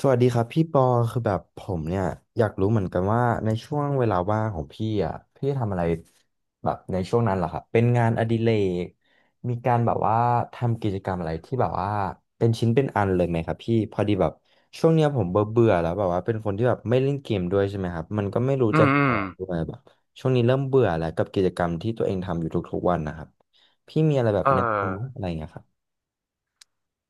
สวัสดีครับพี่ปอคือแบบผมเนี่ยอยากรู้เหมือนกันว่าในช่วงเวลาว่างของพี่อ่ะพี่ทำอะไรแบบในช่วงนั้นเหรอครับเป็นงานอดิเรกมีการแบบว่าทำกิจกรรมอะไรที่แบบว่าเป็นชิ้นเป็นอันเลยไหมครับพี่พอดีแบบช่วงเนี้ยผมเบื่อเบื่อแล้วแบบว่าเป็นคนที่แบบไม่เล่นเกมด้วยใช่ไหมครับมันก็ไม่รู้อืจะมอือมอกด้วยแบบช่วงนี้เริ่มเบื่อแล้วกับกิจกรรมที่ตัวเองทำอยู่ทุกๆวันนะครับพี่มีอะไรแบบเออ แนะนำอะไรอย่างเงี้ยครับ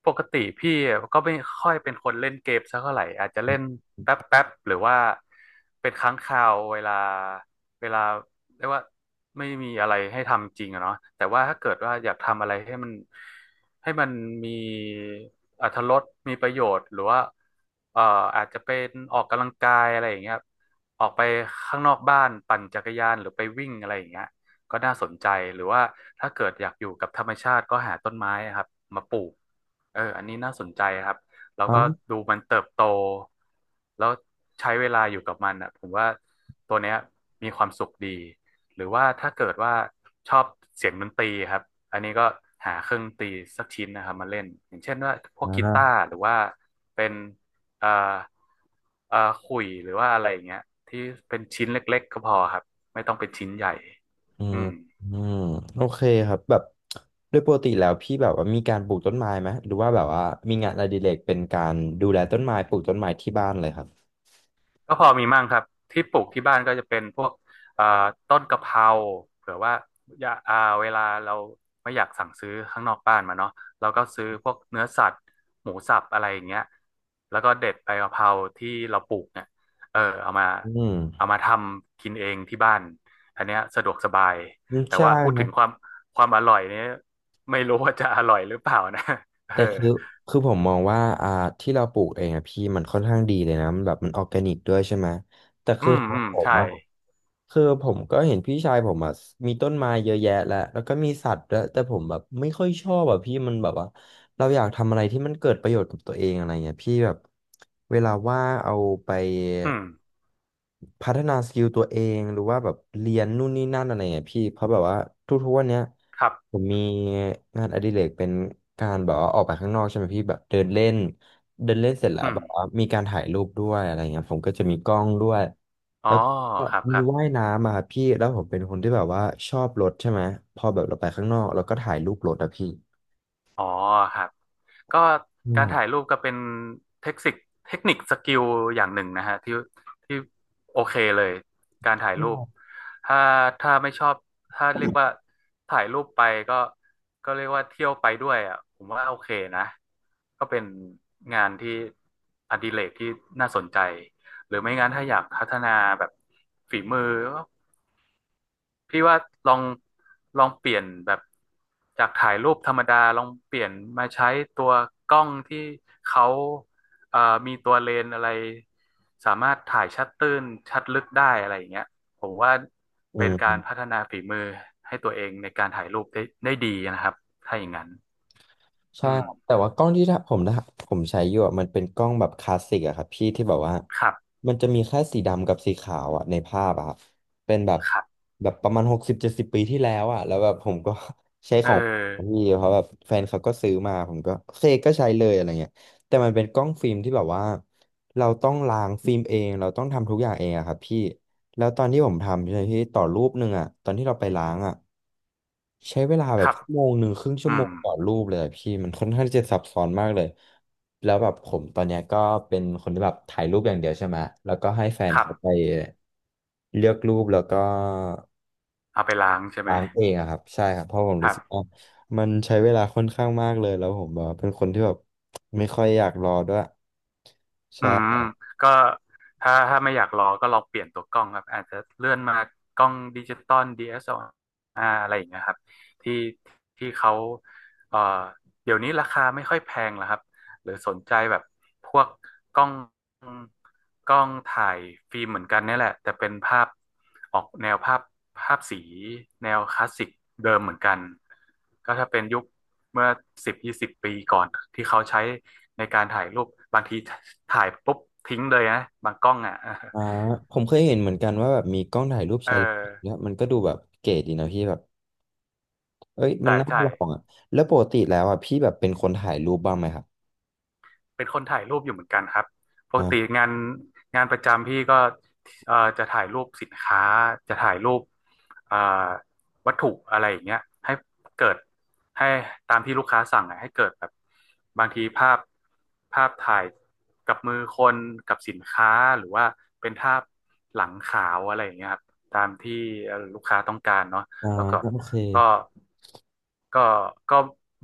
ปกติพี่ก็ไม่ค่อยเป็นคนเล่นเกมสักเท่าไหร่อาจจะเล่นแป๊บหรือว่าเป็นครั้งคราวเวลาเรียกว่าไม่มีอะไรให้ทำจริงอะเนาะแต่ว่าถ้าเกิดว่าอยากทำอะไรให้มันมีอรรถรสมีประโยชน์หรือว่าเอ่ออาจจะเป็นออกกำลังกายอะไรอย่างเงี้ยออกไปข้างนอกบ้านปั่นจักรยานหรือไปวิ่งอะไรอย่างเงี้ยก็น่าสนใจหรือว่าถ้าเกิดอยากอยู่กับธรรมชาติก็หาต้นไม้ครับมาปลูก เอออันนี้น่าสนใจครับแล้วก็อ๋ดูมันเติบโตแล้วใช้เวลาอยู่กับมันอ่ะผมว่าตัวเนี้ยมีความสุขดีหรือว่าถ้าเกิดว่าชอบเสียงดนตรีครับอันนี้ก็หาเครื่องดนตรีสักชิ้นนะครับมาเล่นอย่างเช่นว่าพวกกีตาอ ร์หรือว่าเป็นเอ่อเอ่อขลุ่ยหรือว่าอะไรอย่างเงี้ยที่เป็นชิ้นเล็กๆก็พอครับไม่ต้องเป็นชิ้นใหญ่อือืมม อืมโอเคครับแบบโดยปกติแล้วพี่แบบว่ามีการปลูกต้นไม้ไหมหรือว่าแบบว่ามีงานอดิเรกเป็นการดูแลต้นไม้ปลูกต้นไม้ที่บ้านเลยครับก็พอมีมั่งครับที่ปลูกที่บ้านก็จะเป็นพวกเอ่อต้นกะเพราเผื่อว่าอย่าอ่าเวลาเราไม่อยากสั่งซื้อข้างนอกบ้านมาเนาะเราก็ซื้อพวกเนื้อสัตว์หมูสับอะไรอย่างเงี้ยแล้วก็เด็ดใบกะเพราที่เราปลูกเนี่ยเออเอามาอืมเอามาทำกินเองที่บ้านอันเนี้ยสะดวกสบายอืมแต่ใช่ว่าพูดครัถึบงความอร่อยเนี้ยไม่รู้ว่าจะอร่อยหรือเปล่านะ เออแต่คือคือผมมองว่าที่เราปลูกเองอะพี่มันค่อนข้างดีเลยนะมันแบบมันออร์แกนิกด้วยใช่ไหมอืมครัอืบมผมใช่อะ คือผมก็เห็นพี่ชายผมอ่ะมีต้นไม้เยอะแยะแล้วแล้วก็มีสัตว์แล้วยแต่ผมแบบไม่ค่อยชอบอ่ะพี่มันแบบว่าเราอยากทำอะไรที่มันเกิดประโยชน์กับตัวเองอะไรเงี้ยพี่แบบเวลาว่างเอาไปอืมพัฒนาสกิลตัวเองหรือว่าแบบเรียนนู่นนี่นั่นอะไรเงี้ยพี่เพราะแบบว่าทุกๆวันเนี้ยครับผมมีงานอดิเรกเป็นการแบบว่าออกไปข้างนอกใช่ไหมพี่แบบเดินเล่น เดินเล่นเสร็จแล้วอืแบมบว่ามีการถ่ายรูปด้วยอะไรเงี้ยผมก็จะมีกล้องด้วยอ๋อแล้วก็ครับมีครับ ว่ายน้ำอะครับพี่แล้วผมเป็นคนที่แบบว่าชอบรถใช่ไหมพอแบบเราไปข้างนอกเราก็ถ่ายรูปรถอะพี่อ๋อครับก็การง่ายถ่ายรูปก็เป็นเทคนิคเทคนิคสกิลอย่างหนึ่งนะฮะที่โอเคเลยการถ่ายรูปงถ้าถ้าไม่ชอบถ้าเรียกว่าถ่ายรูปไปก็ก็เรียกว่าเที่ยวไปด้วยอ่ะผมว่าโอเคนะก็เป็นงานที่อดิเรกที่น่าสนใจหรือไม่งั้นถ้าอยากพัฒนาแบบฝีมือ พี่ว่าลองลองเปลี่ยนแบบจากถ่ายรูปธรรมดาลองเปลี่ยนมาใช้ตัวกล้องที่เขาเอ่อมีตัวเลนส์อะไรสามารถถ่ายชัดตื้นชัดลึกได้อะไรอย่างเงี้ยผมว่า่ายอืเป็นม การพัฒนาฝีมือให้ตัวเองในการถ่ายรูปได้ดีนะครับถ้าอย่างนั้นใช่อืมครับแต่ว่ากล้องที่ถ้าผมนะผมใช้อยู่อะมันเป็นกล้องแบบคลาสสิกอะครับพี่ที่แบบว่าครับมันจะมีแค่สีดำกับสีขาวอะในภาพอะครับเป็นแบบครับแบบประมาณ60-70 ปีที่แล้วอะแล้วแบบผมก็ ใช้เอของอพี่เพราะแบบแฟนเขาก็ซื้อมาผมก็โอเคก็ใช้เลยอะไรเงี้ยแต่มันเป็นกล้องฟิล์มที่แบบว่าเราต้องล้างฟิล์มเองเราต้องทำทุกอย่างเองอะครับพี่ แล้วตอนที่ผมทำใช่ไหมพี่ต่อรูปหนึ่งอะตอนที่เราไปล้างอะ ใช้เวลาคแบบรับ1 ชั่วโมงครึ่งชั่อืวโมมงต่อรูปเลยอะพี่มันค่อนข้างที่จะซับซ้อนมากเลยแล้วแบบผมตอนเนี้ยก็เป็นคนที่แบบถ่ายรูปอย่างเดียวใช่ไหมแล้วก็ให้แฟนครัเขาไปบเลือกรูปแล้วก็เอาไปล้างใช่ไหมล้างเองอะครับใช่ครับเพราะผมครู้รัสึกว่าบ มันใช้เวลาค่อนข้างมากเลยแล้วผมแบบเป็นคนที่แบบไม่ค่อยอยากรอด้วยอืใช่มก็ถ้าไม่อยากรอก็ลองเปลี่ยนตัวกล้องครับอาจจะเลื่อนมากล้องดิจิตอล DSLR อสแอลอาร์อะไรอย่างเงี้ยครับที่ที่เขาเอ่อเดี๋ยวนี้ราคาไม่ค่อยแพงแล้วครับหรือสนใจแบบพวกกล้องกล้องถ่ายฟิล์มเหมือนกันเนี่ยแหละแต่เป็นภาพออกแนวภาพสีแนวคลาสสิกเดิมเหมือนกันก็ถ้าเป็นยุค เมื่อสิบยี่สิบปีก่อนที่เขาใช้ในการถ่ายรูปบางทีถ่ายปุ๊บทิ้งเลยนะบางกล้องอ่ะอ่าผมเคยเห็นเหมือนกันว่าแบบมีกล้องถ่ายรูปเออชายเลนส์เนี่ยมันก็ดูแบบเก๋ดีนะพี่แบบ เอ้ยมัใช่นน่าใช่ ลองอ่ะแล้วปกติแล้วอ่ะพี่แบบเป็นคนถ่ายรูปบ้างไหมครับเป็นคนถ่ายรูปอยู่เหมือนกันครับปกติอ่างานประจำพี่ก็จะถ่ายรูปสินค้าจะถ่ายรูปเอ่อวัตถุอะไรอย่างเงี้ยให้เกิดให้ตามที่ลูกค้าสั่งอะให้เกิดแบบบางทีภาพถ่ายกับมือคนกับสินค้าหรือว่าเป็นภาพหลังขาวอะไรอย่างเงี้ยครับตามที่ลูกค้าต้องการเนาะอ่าแล้วก็ โอเคก็ครับก็ก็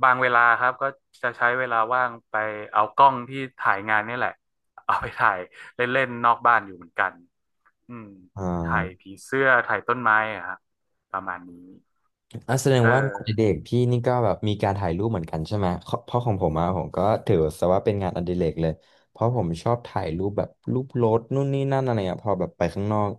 บางเวลาครับก็จะใช้เวลาว่างไปเอากล้องที่ถ่ายงานนี่แหละเอาไปถ่ายเล่นๆนอกบ้านอยู่เหมือนกันอืมอ่ถ่ายาผีเสื้อถ่ายต้นไม้อะครับประมาณนี้ อ่ะแสดงเอว่างานอดิเรอ กพี่นี่ก็แบบมีการถ่ายรูปเหมือนกันใช่ไหมเพราะเพราะของผมอ่ะผมก็ถือซะว่าเป็นงานอดิเรกเลยเพราะผมชอบถ่ายรูปแบบรูปรถนู่นนี่นั่นอะไรอ่ะพอแบบไปข้างนอก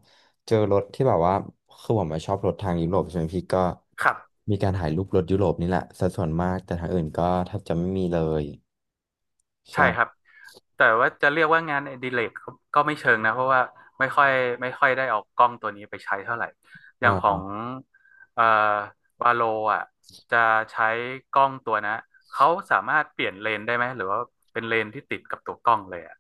เจอรถที่แบบว่าคือผมอะชอบรถทางยุโรปใช่ไหมพี่ก็ครับ มีการถ่ายรูปรถยุโรปนี่แหละสัดส่วนมากแต่ทางอื่นก็แทบจะไม่มีเลยใช่ครับใชแต่ว่าจะเรียกว่างานอดิเรกก็ไม่เชิงนะเพราะว่าไม่ค่อยไม่ค่อยได้เอากล้องตัวนี้ไปใช้เท่าไหร่อย่างขอ่ งเอ่อวาโลอ่ะจะใช้กล้องตัวนะเขาสามารถเปลี่ยนเลนส์ได้ไหมหรือว่าเป็นเลนส์ที่ติดกับตัวกล้องเลยอ่ะ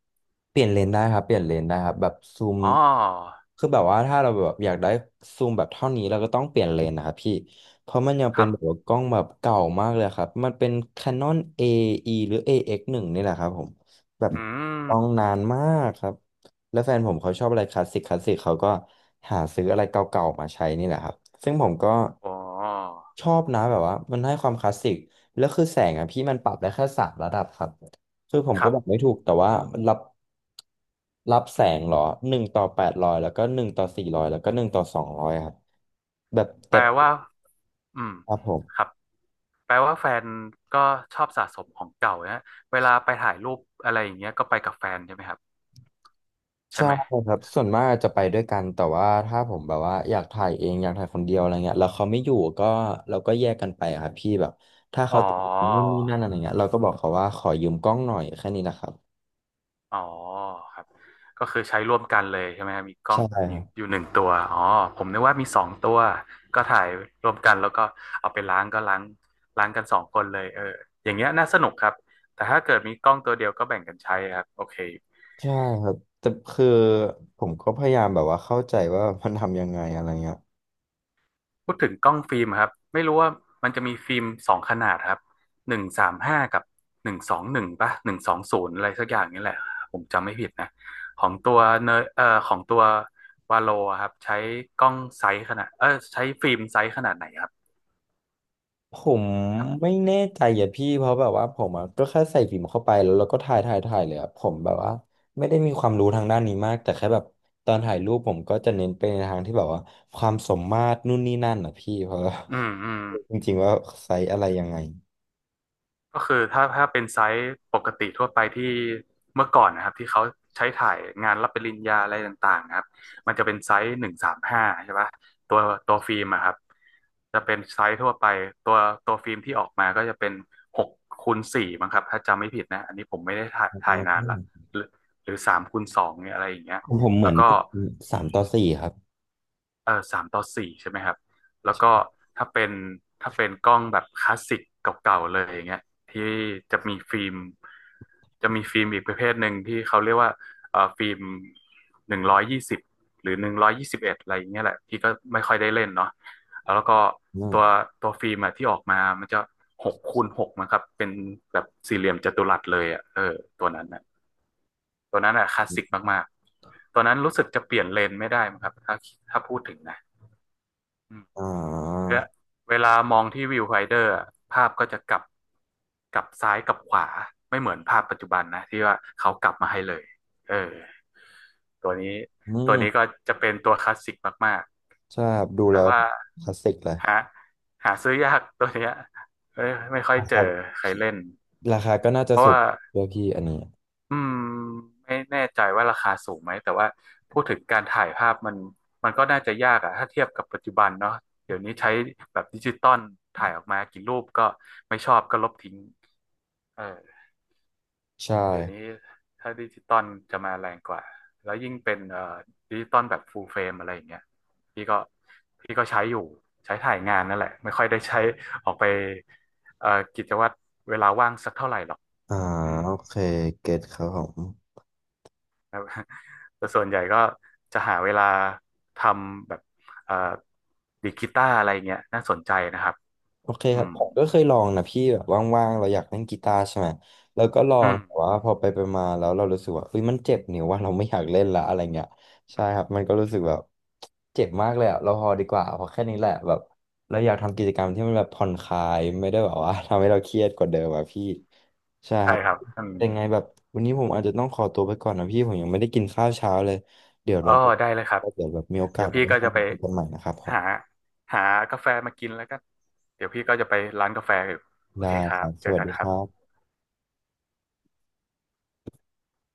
เปลี่ยนเลนได้ครับเปลี่ยนเลนได้ครับแบบซูมอ๋อคือแบบว่าถ้าเราแบบอยากได้ซูมแบบเท่านี้เราก็ต้องเปลี่ยนเลนนะครับพี่เพราะมันยังคเป็นรับแบบว่ากล้องแบบเก่ามากเลยครับมันเป็น Canon AE หรือ AX1 นงนี่แหละครับผมแบบอืกล้องมนานมากครับแล้วแฟนผมเขาชอบอะไรคลาสสิกคลาสสิกเขาก็หาซื้ออะไรเก่าๆมาใช้นี่แหละครับซึ่งผมก็อ๋อชอบนะแบบว่ามันให้ความคลาสสิกแล้วคือแสงอ่ะพี่มันปรับได้แค่3 ระดับครับ คือผมคก็รับอกบไม่ถูกแต่ว่ารับรับแสงเหรอ1/800แล้วก็1/400แล้วก็1/200ครับแบบแปเต็ลมว่าอืมครับผครัมบแปลว่าแฟนก็ชอบสะสมของเก่านะเวลาไปถ่ายรูปอะไรอย่างเงี้ยก็ไปกับแฟนใช่ไหมครับใช่ใช่ไหม ครับส่วนมากจะไปด้วยกันแต่ว่าถ้าผมแบบว่าอยากถ่ายเองอยากถ่ายคนเดียวอะไรเงี้ยแล้วเขาไม่อยู่ก็เราก็แยกกันไปอะครับพี่แบบถ้าอ๋เขาอ ติดนู่นนี่นั่นอะไรเงี้ยเราก็บอกเขาว่าขอยืมกล้องหน่อยแค่นี้นะครับอ๋อครับ ก็คือใช้ร่วมกันเลยใช่ไหมครับมีกล้อใช่งคอยู่รับอยู่หนึ่งตัวอ๋อผมนึกว่ามีสองตัวก็ถ่ายร่วมกันแล้วก็เอาไปล้างก็ล้างกันสองคนเลยเอออย่างเงี้ยน่าสนุกครับแต่ถ้าเกิดมีกล้องตัวเดียวก็แบ่งกันใช้ครับโอเค ใช่ครับแต่คือผมก็พยายามแบบว่าเข้าใจว่ามันทำยังไงอะไรเงี้ย พูดถึงกล้องฟิล์มครับไม่รู้ว่ามันจะมีฟิล์มสองขนาดครับหนึ่งสามห้ากับ121ป่ะ120อะไรสักอย่างนี่แหละผมจำไม่ผิดนะของตัวเนอเอ่อของตัววาโลครับใช้กล้องไซส์ขนาดเออใช้ฟิล์มไซส์ขนาดไหนครับผมครัไม่บแน่ใจอ่ะพี่เพราะแบบว่าผมอะก็แค่ใส่ฟิล์มเข้าไปแล้วเราก็ถ่ายถ่ายถ่ายเลยอะผมแบบว่าไม่ได้มีความรู้ทางด้านนี้มากแต่แค่แบบตอนถ่ายรูปผมก็จะเน้นไปในทางที่แบบว่าความสมมาตรนู่นนี่นั่นอ่ะพี่เพราะว่าอืมอืม จริงๆว่าไซส์อะไรยังไงก็คือถ้าเป็นไซส์ปกติทั่วไปที่เมื่อก่อนนะครับที่เขาใช้ถ่ายงานรับปริญญาอะไรต่างๆนะครับมันจะเป็นไซส์หนึ่งสามห้าใช่ปะตัวตัวฟิล์มอะครับจะเป็นไซส์ทั่วไปตัวตัวฟิล์มที่ออกมาก็จะเป็น6x4มั้งครับถ้าจำไม่ผิดนะอันนี้ผมไม่ได้ถ่ายนานละหรือหรือ3x2เนี่ยอะไรอย่างเงี้ยของผมเหมืแล้วอนก็ 3/4ครับเออ3:4ใช่ไหมครับแล้วก็ถ้าเป็นถ้าเป็นกล้องแบบคลาสสิกเก่าๆเลยอย่างเงี้ยที่จะมีฟิล์มจะมีฟิล์มอีกประเภทหนึ่งที่เขาเรียกว่าฟิล์มหนึ่งร้อยยี่สิบหรือ121อะไรอย่างเงี้ยแหละที่ก็ไม่ค่อยได้เล่นเนาะแล้วก็อืมตัวตัวฟิล์มอะที่ออกมามันจะ6x6มั้งครับเป็นแบบสี่เหลี่ยมจัตุรัสเลยอ่ะเออตัวนั้นน่ะตัวนั้นอ่ะคลาสสิกมากๆตัวนั้นรู้สึกจะเปลี่ยนเลนส์ไม่ได้มั้งครับถ้าพูดถึงนะอืม อ่เวาลาเวลามองที่วิวไฟเดอร์อะภาพก็จะกลับซ้ายกลับขวาไม่เหมือนภาพปัจจุบันนะที่ว่าเขากลับมาให้เลยเออตัวนี้อืตัวนี้ก็มจะเป็นตัวคลาสสิกมากใช่ครับดูๆแต่แล้วว่าคลาสสิกเลยหาหาซื้อยากตัวเนี้ยไม่ไม่ค่อยนะเจคอรับใครเล่นราคาก็น่าจะเพราะสูงว่า ด้วยพี่อันนี้อืมไม่แน่ใจว่าราคาสูงไหมแต่ว่าพูดถึงการถ่ายภาพมันก็น่าจะยากอะถ้าเทียบกับปัจจุบันเนาะเดี๋ยวนี้ใช้แบบดิจิตอลถ่ายออกมากี่รูปก็ไม่ชอบก็ลบทิ้งเออใช่ เดี๋ยวนี้ถ้าดิจิตอลจะมาแรงกว่าแล้วยิ่งเป็นดิจิตอลแบบฟูลเฟรมอะไรอย่างเงี้ยพี่ก็พี่ก็ใช้อยู่ใช้ถ่ายงานนั่นแหละไม่ค่อยได้ใช้ออกไปเอ่อกิจวัตรเวลาว่างสักเท่าไหร่หรอกอ่าอืมโอเคเก็ตครับผมครับ แต่ส่วนใหญ่ก็จะหาเวลาทำแบบเอ่อดีดกีตาร์อะไรเงี้ยน่าสนใจนะครับโอเคอืครับมผมก็เคยลองนะพี่แบบว่างๆเราอยากเล่นกีตาร์ใช่ไหมแล้วก็ลออืงมแต่ว่าพอไปไปมาแล้วเรารู้สึกว่าเฮ้ยมันเจ็บนิ้วว่าเราไม่อยากเล่นละอะไรเงี้ยใช่อืครับมันก็มรู้สึกแบบเจ็บมากเลยอะเราพอดีกว่าพอแค่นี้แหละแบบเราอยากทำกิจกรรมที่มันแบบผ่อนคลายไม่ได้แบบว่า ทำให้เราเครียดกว่าเดิมอะพี่ใช่คใช่รับครับอืมยังไงแบบวันนี้ผมอาจจะต้องขอตัวไปก่อนนะพี่ผมยังไม่ได้กินข้าวเช้าเลยเดี๋ยวอ๋ลองไปได้เลยครับแล้วเดี๋ยวแบบมีโอกาเดี๋สยวเราพี่ไปก็จะทำไปงานกันใหม่นะครับผม หาหากาแฟมากินแล้วก็เดี๋ยวพี่ก็จะไปร้านกาแฟอยู่โอเคได้ครัคบรับเจสอวัสกันดีคครัรับบ